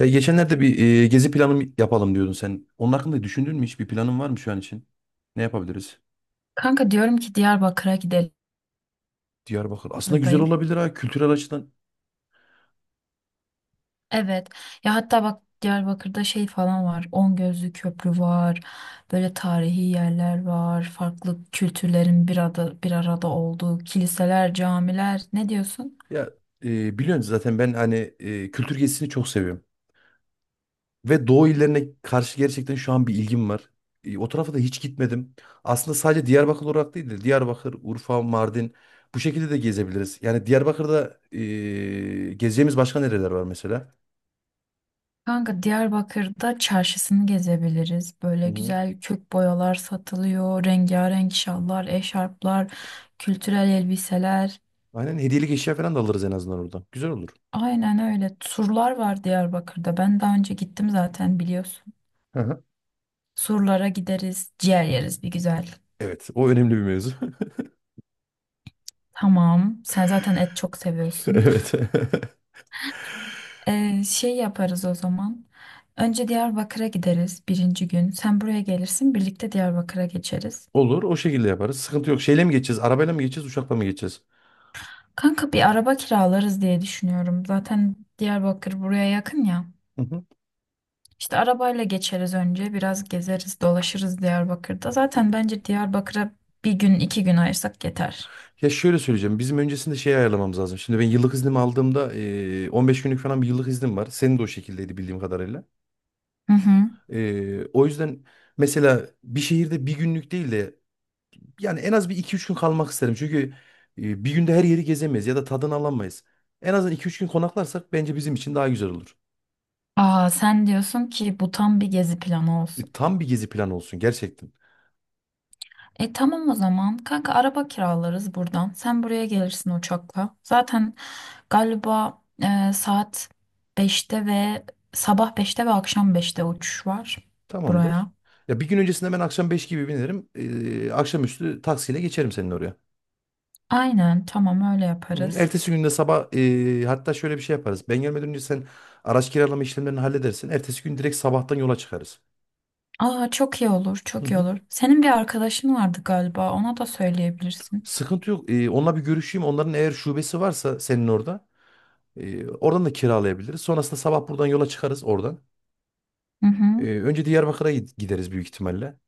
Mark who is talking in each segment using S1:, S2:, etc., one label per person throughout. S1: Ya geçenlerde gezi planı yapalım diyordun sen. Onun hakkında düşündün mü hiç? Bir planın var mı şu an için? Ne yapabiliriz?
S2: Kanka diyorum ki Diyarbakır'a gidelim
S1: Diyarbakır. Aslında güzel
S2: dayım.
S1: olabilir ha kültürel açıdan.
S2: Evet. Ya hatta bak Diyarbakır'da şey falan var. On Gözlü Köprü var. Böyle tarihi yerler var. Farklı kültürlerin bir arada olduğu kiliseler, camiler. Ne diyorsun?
S1: Ya biliyorsun zaten ben kültür gezisini çok seviyorum. Ve Doğu illerine karşı gerçekten şu an bir ilgim var. O tarafa da hiç gitmedim. Aslında sadece Diyarbakır olarak değil de Diyarbakır, Urfa, Mardin bu şekilde de gezebiliriz. Yani Diyarbakır'da gezeceğimiz başka nereler var mesela?
S2: Kanka Diyarbakır'da çarşısını gezebiliriz.
S1: Hı
S2: Böyle
S1: hı.
S2: güzel kök boyalar satılıyor. Rengarenk şallar, eşarplar, kültürel elbiseler.
S1: Aynen hediyelik eşya falan da alırız en azından oradan. Güzel olur.
S2: Aynen öyle. Turlar var Diyarbakır'da. Ben daha önce gittim zaten biliyorsun. Surlara gideriz, ciğer yeriz bir güzel.
S1: Evet, o önemli bir mevzu.
S2: Tamam. Sen zaten et çok seviyorsun.
S1: Evet.
S2: Şey yaparız o zaman. Önce Diyarbakır'a gideriz birinci gün. Sen buraya gelirsin, birlikte Diyarbakır'a geçeriz.
S1: Olur, o şekilde yaparız. Sıkıntı yok. Şeyle mi geçeceğiz? Arabayla mı geçeceğiz, uçakla mı geçeceğiz?
S2: Kanka bir araba kiralarız diye düşünüyorum. Zaten Diyarbakır buraya yakın ya.
S1: Hı hı.
S2: İşte arabayla geçeriz önce, biraz gezeriz, dolaşırız Diyarbakır'da. Zaten bence Diyarbakır'a bir gün, 2 gün ayırsak yeter.
S1: Ya şöyle söyleyeceğim. Bizim öncesinde şey ayarlamamız lazım. Şimdi ben yıllık iznimi aldığımda, 15 günlük falan bir yıllık iznim var. Senin de o şekildeydi bildiğim kadarıyla.
S2: Hı hı.
S1: O yüzden mesela bir şehirde bir günlük değil de yani en az bir iki üç gün kalmak isterim. Çünkü bir günde her yeri gezemeyiz ya da tadını alamayız. En azından iki üç gün konaklarsak bence bizim için daha güzel olur.
S2: Aa, sen diyorsun ki bu tam bir gezi planı olsun.
S1: Tam bir gezi planı olsun gerçekten.
S2: E tamam o zaman. Kanka araba kiralarız buradan. Sen buraya gelirsin uçakla. Zaten galiba saat 5'te ve sabah 5'te ve akşam 5'te uçuş var
S1: Tamamdır.
S2: buraya.
S1: Ya bir gün öncesinde ben akşam 5 gibi binerim. Akşamüstü taksiyle geçerim senin oraya.
S2: Aynen tamam öyle
S1: Hı hı.
S2: yaparız.
S1: Ertesi günde sabah, hatta şöyle bir şey yaparız. Ben gelmeden önce sen araç kiralama işlemlerini halledersin. Ertesi gün direkt sabahtan yola çıkarız.
S2: Aa çok iyi olur,
S1: Hı
S2: çok iyi
S1: hı.
S2: olur. Senin bir arkadaşın vardı galiba. Ona da söyleyebilirsin.
S1: Sıkıntı yok. Onunla bir görüşeyim. Onların eğer şubesi varsa senin orada, oradan da kiralayabiliriz. Sonrasında sabah buradan yola çıkarız oradan.
S2: Hı hı.
S1: Önce gideriz büyük ihtimalle.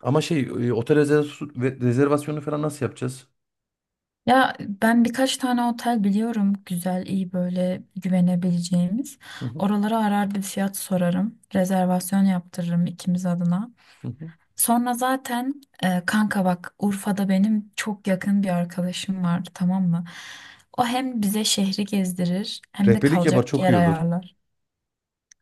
S1: Ama otel rezervasyonu falan nasıl yapacağız?
S2: Ya ben birkaç tane otel biliyorum güzel, iyi böyle güvenebileceğimiz.
S1: Hı hı.
S2: Oralara arar bir fiyat sorarım. Rezervasyon yaptırırım ikimiz adına.
S1: Hı hı.
S2: Sonra zaten kanka bak Urfa'da benim çok yakın bir arkadaşım vardı, tamam mı? O hem bize şehri gezdirir hem de
S1: Rehberlik yapar,
S2: kalacak
S1: çok
S2: yer
S1: iyi olur.
S2: ayarlar.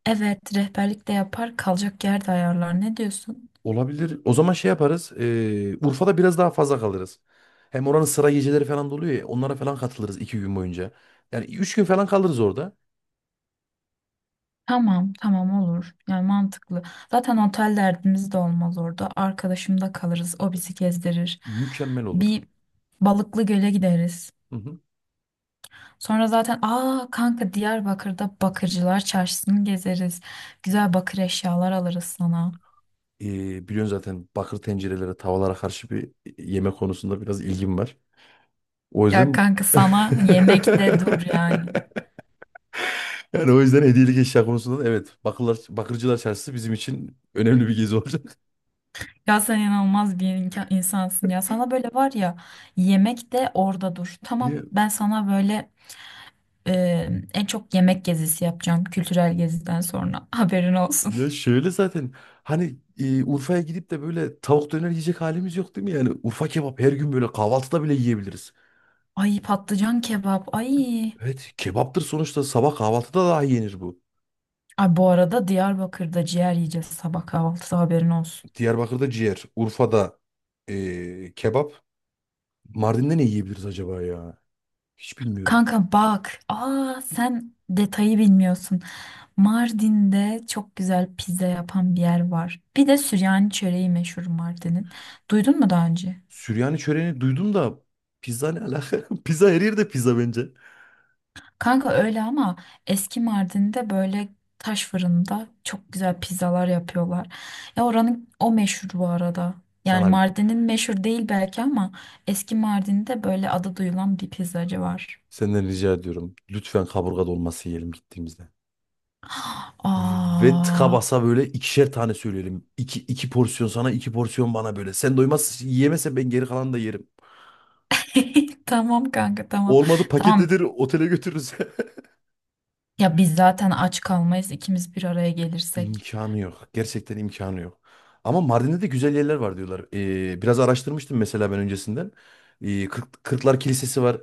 S2: Evet, rehberlik de yapar, kalacak yer de ayarlar. Ne diyorsun?
S1: Olabilir. O zaman şey yaparız. Urfa'da biraz daha fazla kalırız. Hem oranın sıra geceleri falan da oluyor ya. Onlara falan katılırız iki gün boyunca. Yani üç gün falan kalırız orada.
S2: Tamam tamam, olur yani, mantıklı. Zaten otel derdimiz de olmaz, orada arkadaşımda kalırız, o bizi gezdirir.
S1: Mükemmel olur.
S2: Bir Balıklı Göl'e gideriz.
S1: Hı hı.
S2: Sonra zaten aa kanka Diyarbakır'da Bakırcılar Çarşısı'nı gezeriz. Güzel bakır eşyalar alırız sana.
S1: Biliyorsun zaten bakır tencerelere, tavalara karşı bir yeme konusunda biraz ilgim var. O
S2: Ya
S1: yüzden...
S2: kanka sana yemekte dur yani.
S1: Yani o yüzden hediyelik eşya konusunda da evet. Bakırlar, bakırcılar çarşısı bizim için önemli bir gezi olacak.
S2: Ya sen inanılmaz bir insansın ya. Sana böyle var ya, yemekte orada dur. Tamam, ben sana böyle e, en çok yemek gezisi yapacağım kültürel geziden sonra. Haberin olsun.
S1: Ya şöyle zaten Urfa'ya gidip de böyle tavuk döner yiyecek halimiz yok değil mi? Yani Urfa kebap her gün böyle kahvaltıda bile yiyebiliriz.
S2: Ay patlıcan kebap ay.
S1: Evet, kebaptır sonuçta, sabah kahvaltıda daha yenir bu.
S2: Ay bu arada Diyarbakır'da ciğer yiyeceğiz sabah kahvaltıda, haberin olsun.
S1: Diyarbakır'da ciğer, Urfa'da kebap. Mardin'de ne yiyebiliriz acaba ya? Hiç bilmiyorum.
S2: Kanka bak. Aa sen detayı bilmiyorsun. Mardin'de çok güzel pizza yapan bir yer var. Bir de Süryani çöreği meşhur Mardin'in. Duydun mu daha önce?
S1: Süryani çöreğini duydum da pizza ne alaka? Pizza her yerde pizza bence.
S2: Kanka öyle ama eski Mardin'de böyle taş fırında çok güzel pizzalar yapıyorlar. Ya oranın o meşhur bu arada. Yani
S1: Sana bir
S2: Mardin'in meşhur değil belki ama eski Mardin'de böyle adı duyulan bir pizzacı var.
S1: senden rica ediyorum. Lütfen kaburga dolması yiyelim gittiğimizde. Ve tıka
S2: Aa.
S1: basa böyle ikişer tane söyleyelim. İki porsiyon sana, iki porsiyon bana böyle. Sen doymaz yiyemezsen ben geri kalanı da yerim.
S2: Tamam kanka tamam.
S1: Olmadı
S2: Tamam.
S1: paketledir otele götürürüz.
S2: Ya biz zaten aç kalmayız ikimiz bir araya gelirsek.
S1: İmkanı yok. Gerçekten imkanı yok. Ama Mardin'de de güzel yerler var diyorlar. Biraz araştırmıştım mesela ben öncesinden. Kırklar Kilisesi var.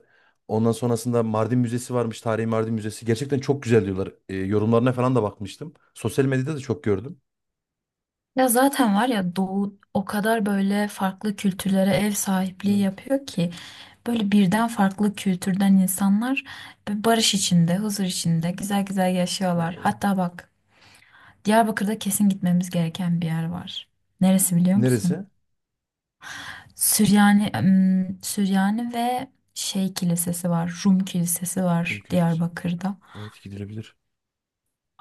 S1: Ondan sonrasında Mardin Müzesi varmış. Tarihi Mardin Müzesi. Gerçekten çok güzel diyorlar. Yorumlarına falan da bakmıştım. Sosyal medyada da çok gördüm.
S2: Ya zaten var ya, Doğu o kadar böyle farklı kültürlere ev sahipliği
S1: Evet.
S2: yapıyor ki böyle birden farklı kültürden insanlar böyle barış içinde, huzur içinde güzel güzel yaşıyorlar.
S1: Ee,
S2: Hatta bak, Diyarbakır'da kesin gitmemiz gereken bir yer var. Neresi biliyor
S1: Neresi?
S2: musun? Süryani ve şey kilisesi var, Rum kilisesi var
S1: Kumköy Sesi.
S2: Diyarbakır'da.
S1: Evet, gidilebilir.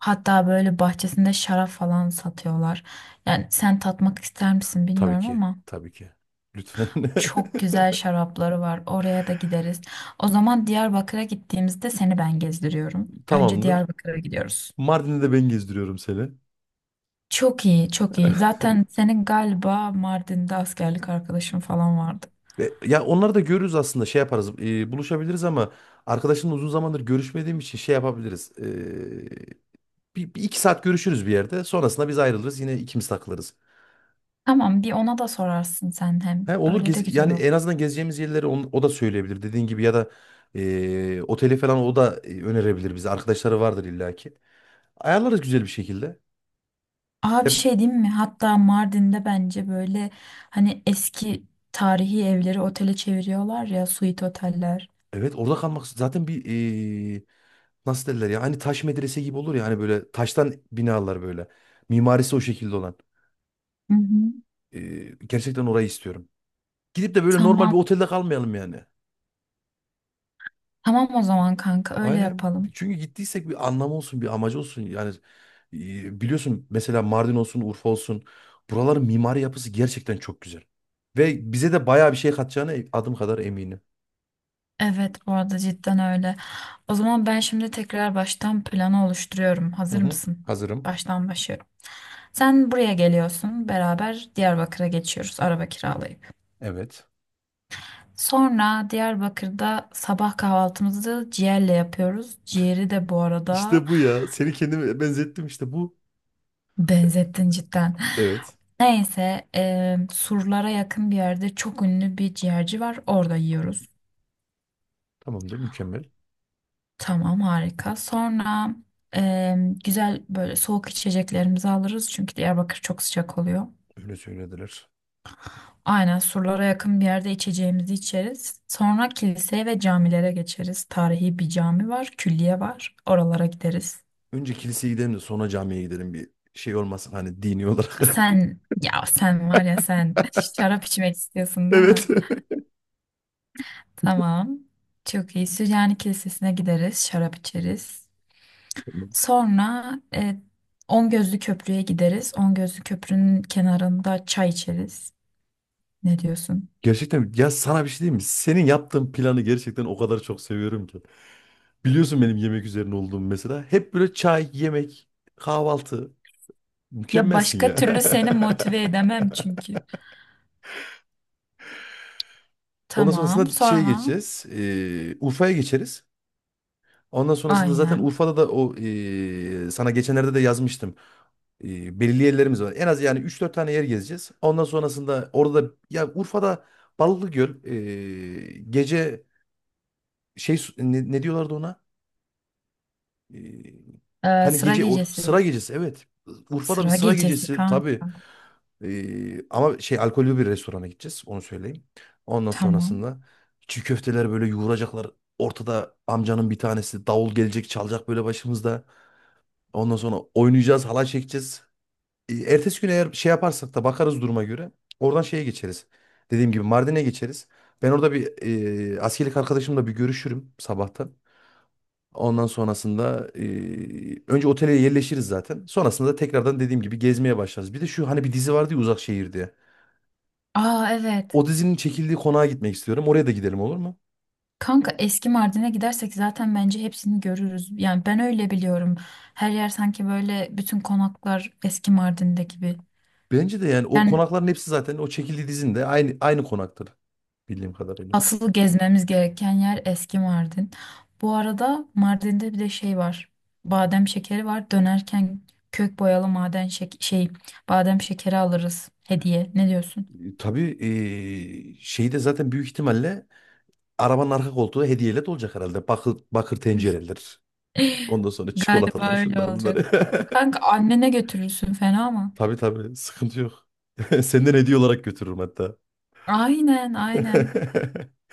S2: Hatta böyle bahçesinde şarap falan satıyorlar. Yani sen tatmak ister misin
S1: Tabii
S2: bilmiyorum
S1: ki.
S2: ama
S1: Tabii ki. Lütfen.
S2: çok güzel şarapları var. Oraya da gideriz. O zaman Diyarbakır'a gittiğimizde seni ben gezdiriyorum. Önce
S1: Tamamdır.
S2: Diyarbakır'a gidiyoruz.
S1: Mardin'de de ben gezdiriyorum seni.
S2: Çok iyi, çok iyi. Zaten senin galiba Mardin'de askerlik arkadaşın falan vardı.
S1: Ya onları da görürüz aslında, şey yaparız. Buluşabiliriz ama arkadaşımla uzun zamandır görüşmediğim için şey yapabiliriz. Bir iki saat görüşürüz bir yerde. Sonrasında biz ayrılırız. Yine ikimiz takılırız.
S2: Tamam, bir ona da sorarsın sen hem.
S1: He, olur
S2: Öyle de
S1: gez,
S2: güzel
S1: yani en
S2: olur.
S1: azından gezeceğimiz yerleri o da söyleyebilir dediğin gibi ya da oteli falan o da önerebilir bize. Arkadaşları vardır illaki. Ayarlarız güzel bir şekilde.
S2: Aa bir
S1: Ya,
S2: şey diyeyim mi? Hatta Mardin'de bence böyle hani eski tarihi evleri otele çeviriyorlar ya, suite oteller.
S1: evet, orada kalmak zaten e, nasıl derler ya hani taş medrese gibi olur ya hani böyle taştan binalar böyle. Mimarisi o şekilde olan.
S2: Hı hı.
S1: Ee, Gerçekten orayı istiyorum. Gidip de böyle normal
S2: Tamam.
S1: bir otelde kalmayalım yani.
S2: Tamam o zaman kanka, öyle
S1: Aynen.
S2: yapalım.
S1: Çünkü gittiysek bir anlamı olsun, bir amacı olsun. Yani biliyorsun mesela Mardin olsun, Urfa olsun. Buraların mimari yapısı gerçekten çok güzel. Ve bize de bayağı bir şey katacağına adım kadar eminim.
S2: Evet bu arada cidden öyle. O zaman ben şimdi tekrar baştan planı oluşturuyorum.
S1: Hı
S2: Hazır
S1: hı.
S2: mısın?
S1: Hazırım.
S2: Baştan başlıyorum. Sen buraya geliyorsun. Beraber Diyarbakır'a geçiyoruz araba kiralayıp.
S1: Evet.
S2: Sonra Diyarbakır'da sabah kahvaltımızı ciğerle yapıyoruz. Ciğeri de bu arada
S1: İşte bu ya. Seni kendime benzettim, işte bu. e,
S2: benzettin cidden.
S1: Evet.
S2: Neyse, surlara yakın bir yerde çok ünlü bir ciğerci var. Orada yiyoruz.
S1: Tamamdır, mükemmel.
S2: Tamam harika. Sonra e, güzel böyle soğuk içeceklerimizi alırız. Çünkü Diyarbakır çok sıcak oluyor.
S1: Öyle söylediler.
S2: Aynen, surlara yakın bir yerde içeceğimizi içeriz. Sonra kiliseye ve camilere geçeriz. Tarihi bir cami var, külliye var. Oralara gideriz.
S1: Önce kiliseye gidelim de sonra camiye gidelim, bir şey olmasın hani dini olarak.
S2: Sen, ya sen var ya sen, şarap içmek istiyorsun değil
S1: Evet.
S2: mi? Tamam. Çok iyi. Süryani Kilisesi'ne gideriz, şarap içeriz. Sonra On Gözlü Köprü'ye gideriz. On Gözlü Köprü'nün kenarında çay içeriz. Ne diyorsun?
S1: Gerçekten ya, sana bir şey diyeyim mi? Senin yaptığın planı gerçekten o kadar çok seviyorum ki. Biliyorsun benim yemek üzerine olduğum mesela. Hep böyle çay, yemek, kahvaltı.
S2: Ya
S1: Mükemmelsin
S2: başka
S1: ya.
S2: türlü seni motive edemem çünkü.
S1: Ondan
S2: Tamam.
S1: sonrasında şeye
S2: Sonra
S1: geçeceğiz. Urfa'ya geçeriz. Ondan sonrasında zaten
S2: aynen.
S1: Urfa'da da o sana geçenlerde de yazmıştım. Belirli yerlerimiz var. En az yani üç dört tane yer gezeceğiz. Ondan sonrasında ya Urfa'da Balıklıgöl gece ne diyorlardı ona? E, Hani
S2: Sıra
S1: gece o sıra
S2: gecesi.
S1: gecesi, evet. Urfa'da bir
S2: Sıra
S1: sıra
S2: gecesi
S1: gecesi tabii.
S2: kanka.
S1: Ama şey, alkollü bir restorana gideceğiz, onu söyleyeyim. Ondan
S2: Tamam.
S1: sonrasında çiğ köfteler böyle yoğuracaklar. Ortada amcanın bir tanesi davul gelecek çalacak böyle başımızda. Ondan sonra oynayacağız, halay çekeceğiz. Ertesi gün eğer şey yaparsak da bakarız duruma göre. Oradan şeye geçeriz. Dediğim gibi Mardin'e geçeriz. Ben orada bir askerlik arkadaşımla bir görüşürüm sabahtan. Ondan sonrasında önce otele yerleşiriz zaten. Sonrasında da tekrardan dediğim gibi gezmeye başlarız. Bir de şu, hani bir dizi vardı ya, Uzak Şehir diye.
S2: Aa evet.
S1: O dizinin çekildiği konağa gitmek istiyorum. Oraya da gidelim, olur mu?
S2: Kanka eski Mardin'e gidersek zaten bence hepsini görürüz. Yani ben öyle biliyorum. Her yer sanki böyle bütün konaklar eski Mardin'de gibi.
S1: Bence de yani o
S2: Yani
S1: konakların hepsi zaten o çekildiği dizinin de aynı konaktır bildiğim kadarıyla.
S2: asıl gezmemiz gereken yer eski Mardin. Bu arada Mardin'de bir de şey var. Badem şekeri var. Dönerken kök boyalı maden şek- şey badem şekeri alırız hediye. Ne diyorsun?
S1: Tabii, şeyde zaten büyük ihtimalle arabanın arka koltuğu hediyeyle dolacak herhalde. Bakır tencereler. Ondan sonra
S2: Galiba
S1: çikolataları,
S2: öyle
S1: şunlar bunları.
S2: olacak. Kanka annene götürürsün, fena mı?
S1: Tabii tabii, sıkıntı yok. Senden hediye olarak götürürüm hatta.
S2: Aynen aynen.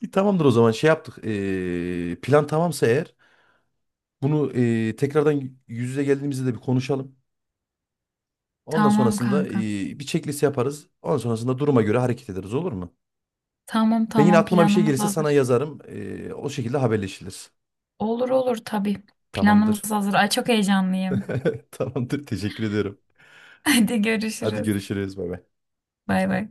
S1: İyi, tamamdır. O zaman şey yaptık. Plan tamamsa eğer bunu tekrardan yüz yüze geldiğimizde de bir konuşalım. Ondan
S2: Tamam
S1: sonrasında
S2: kanka.
S1: ee, bir checklist yaparız. Ondan sonrasında duruma göre hareket ederiz, olur mu?
S2: Tamam
S1: Ben yine
S2: tamam,
S1: aklıma bir şey
S2: planımız
S1: gelirse sana
S2: hazır.
S1: yazarım. O şekilde haberleşiriz.
S2: Olur olur tabii.
S1: Tamamdır.
S2: Planımız hazır. Ay çok heyecanlıyım.
S1: Tamamdır. Teşekkür ediyorum.
S2: Hadi
S1: Hadi
S2: görüşürüz.
S1: görüşürüz. Bay bay.
S2: Bay bay.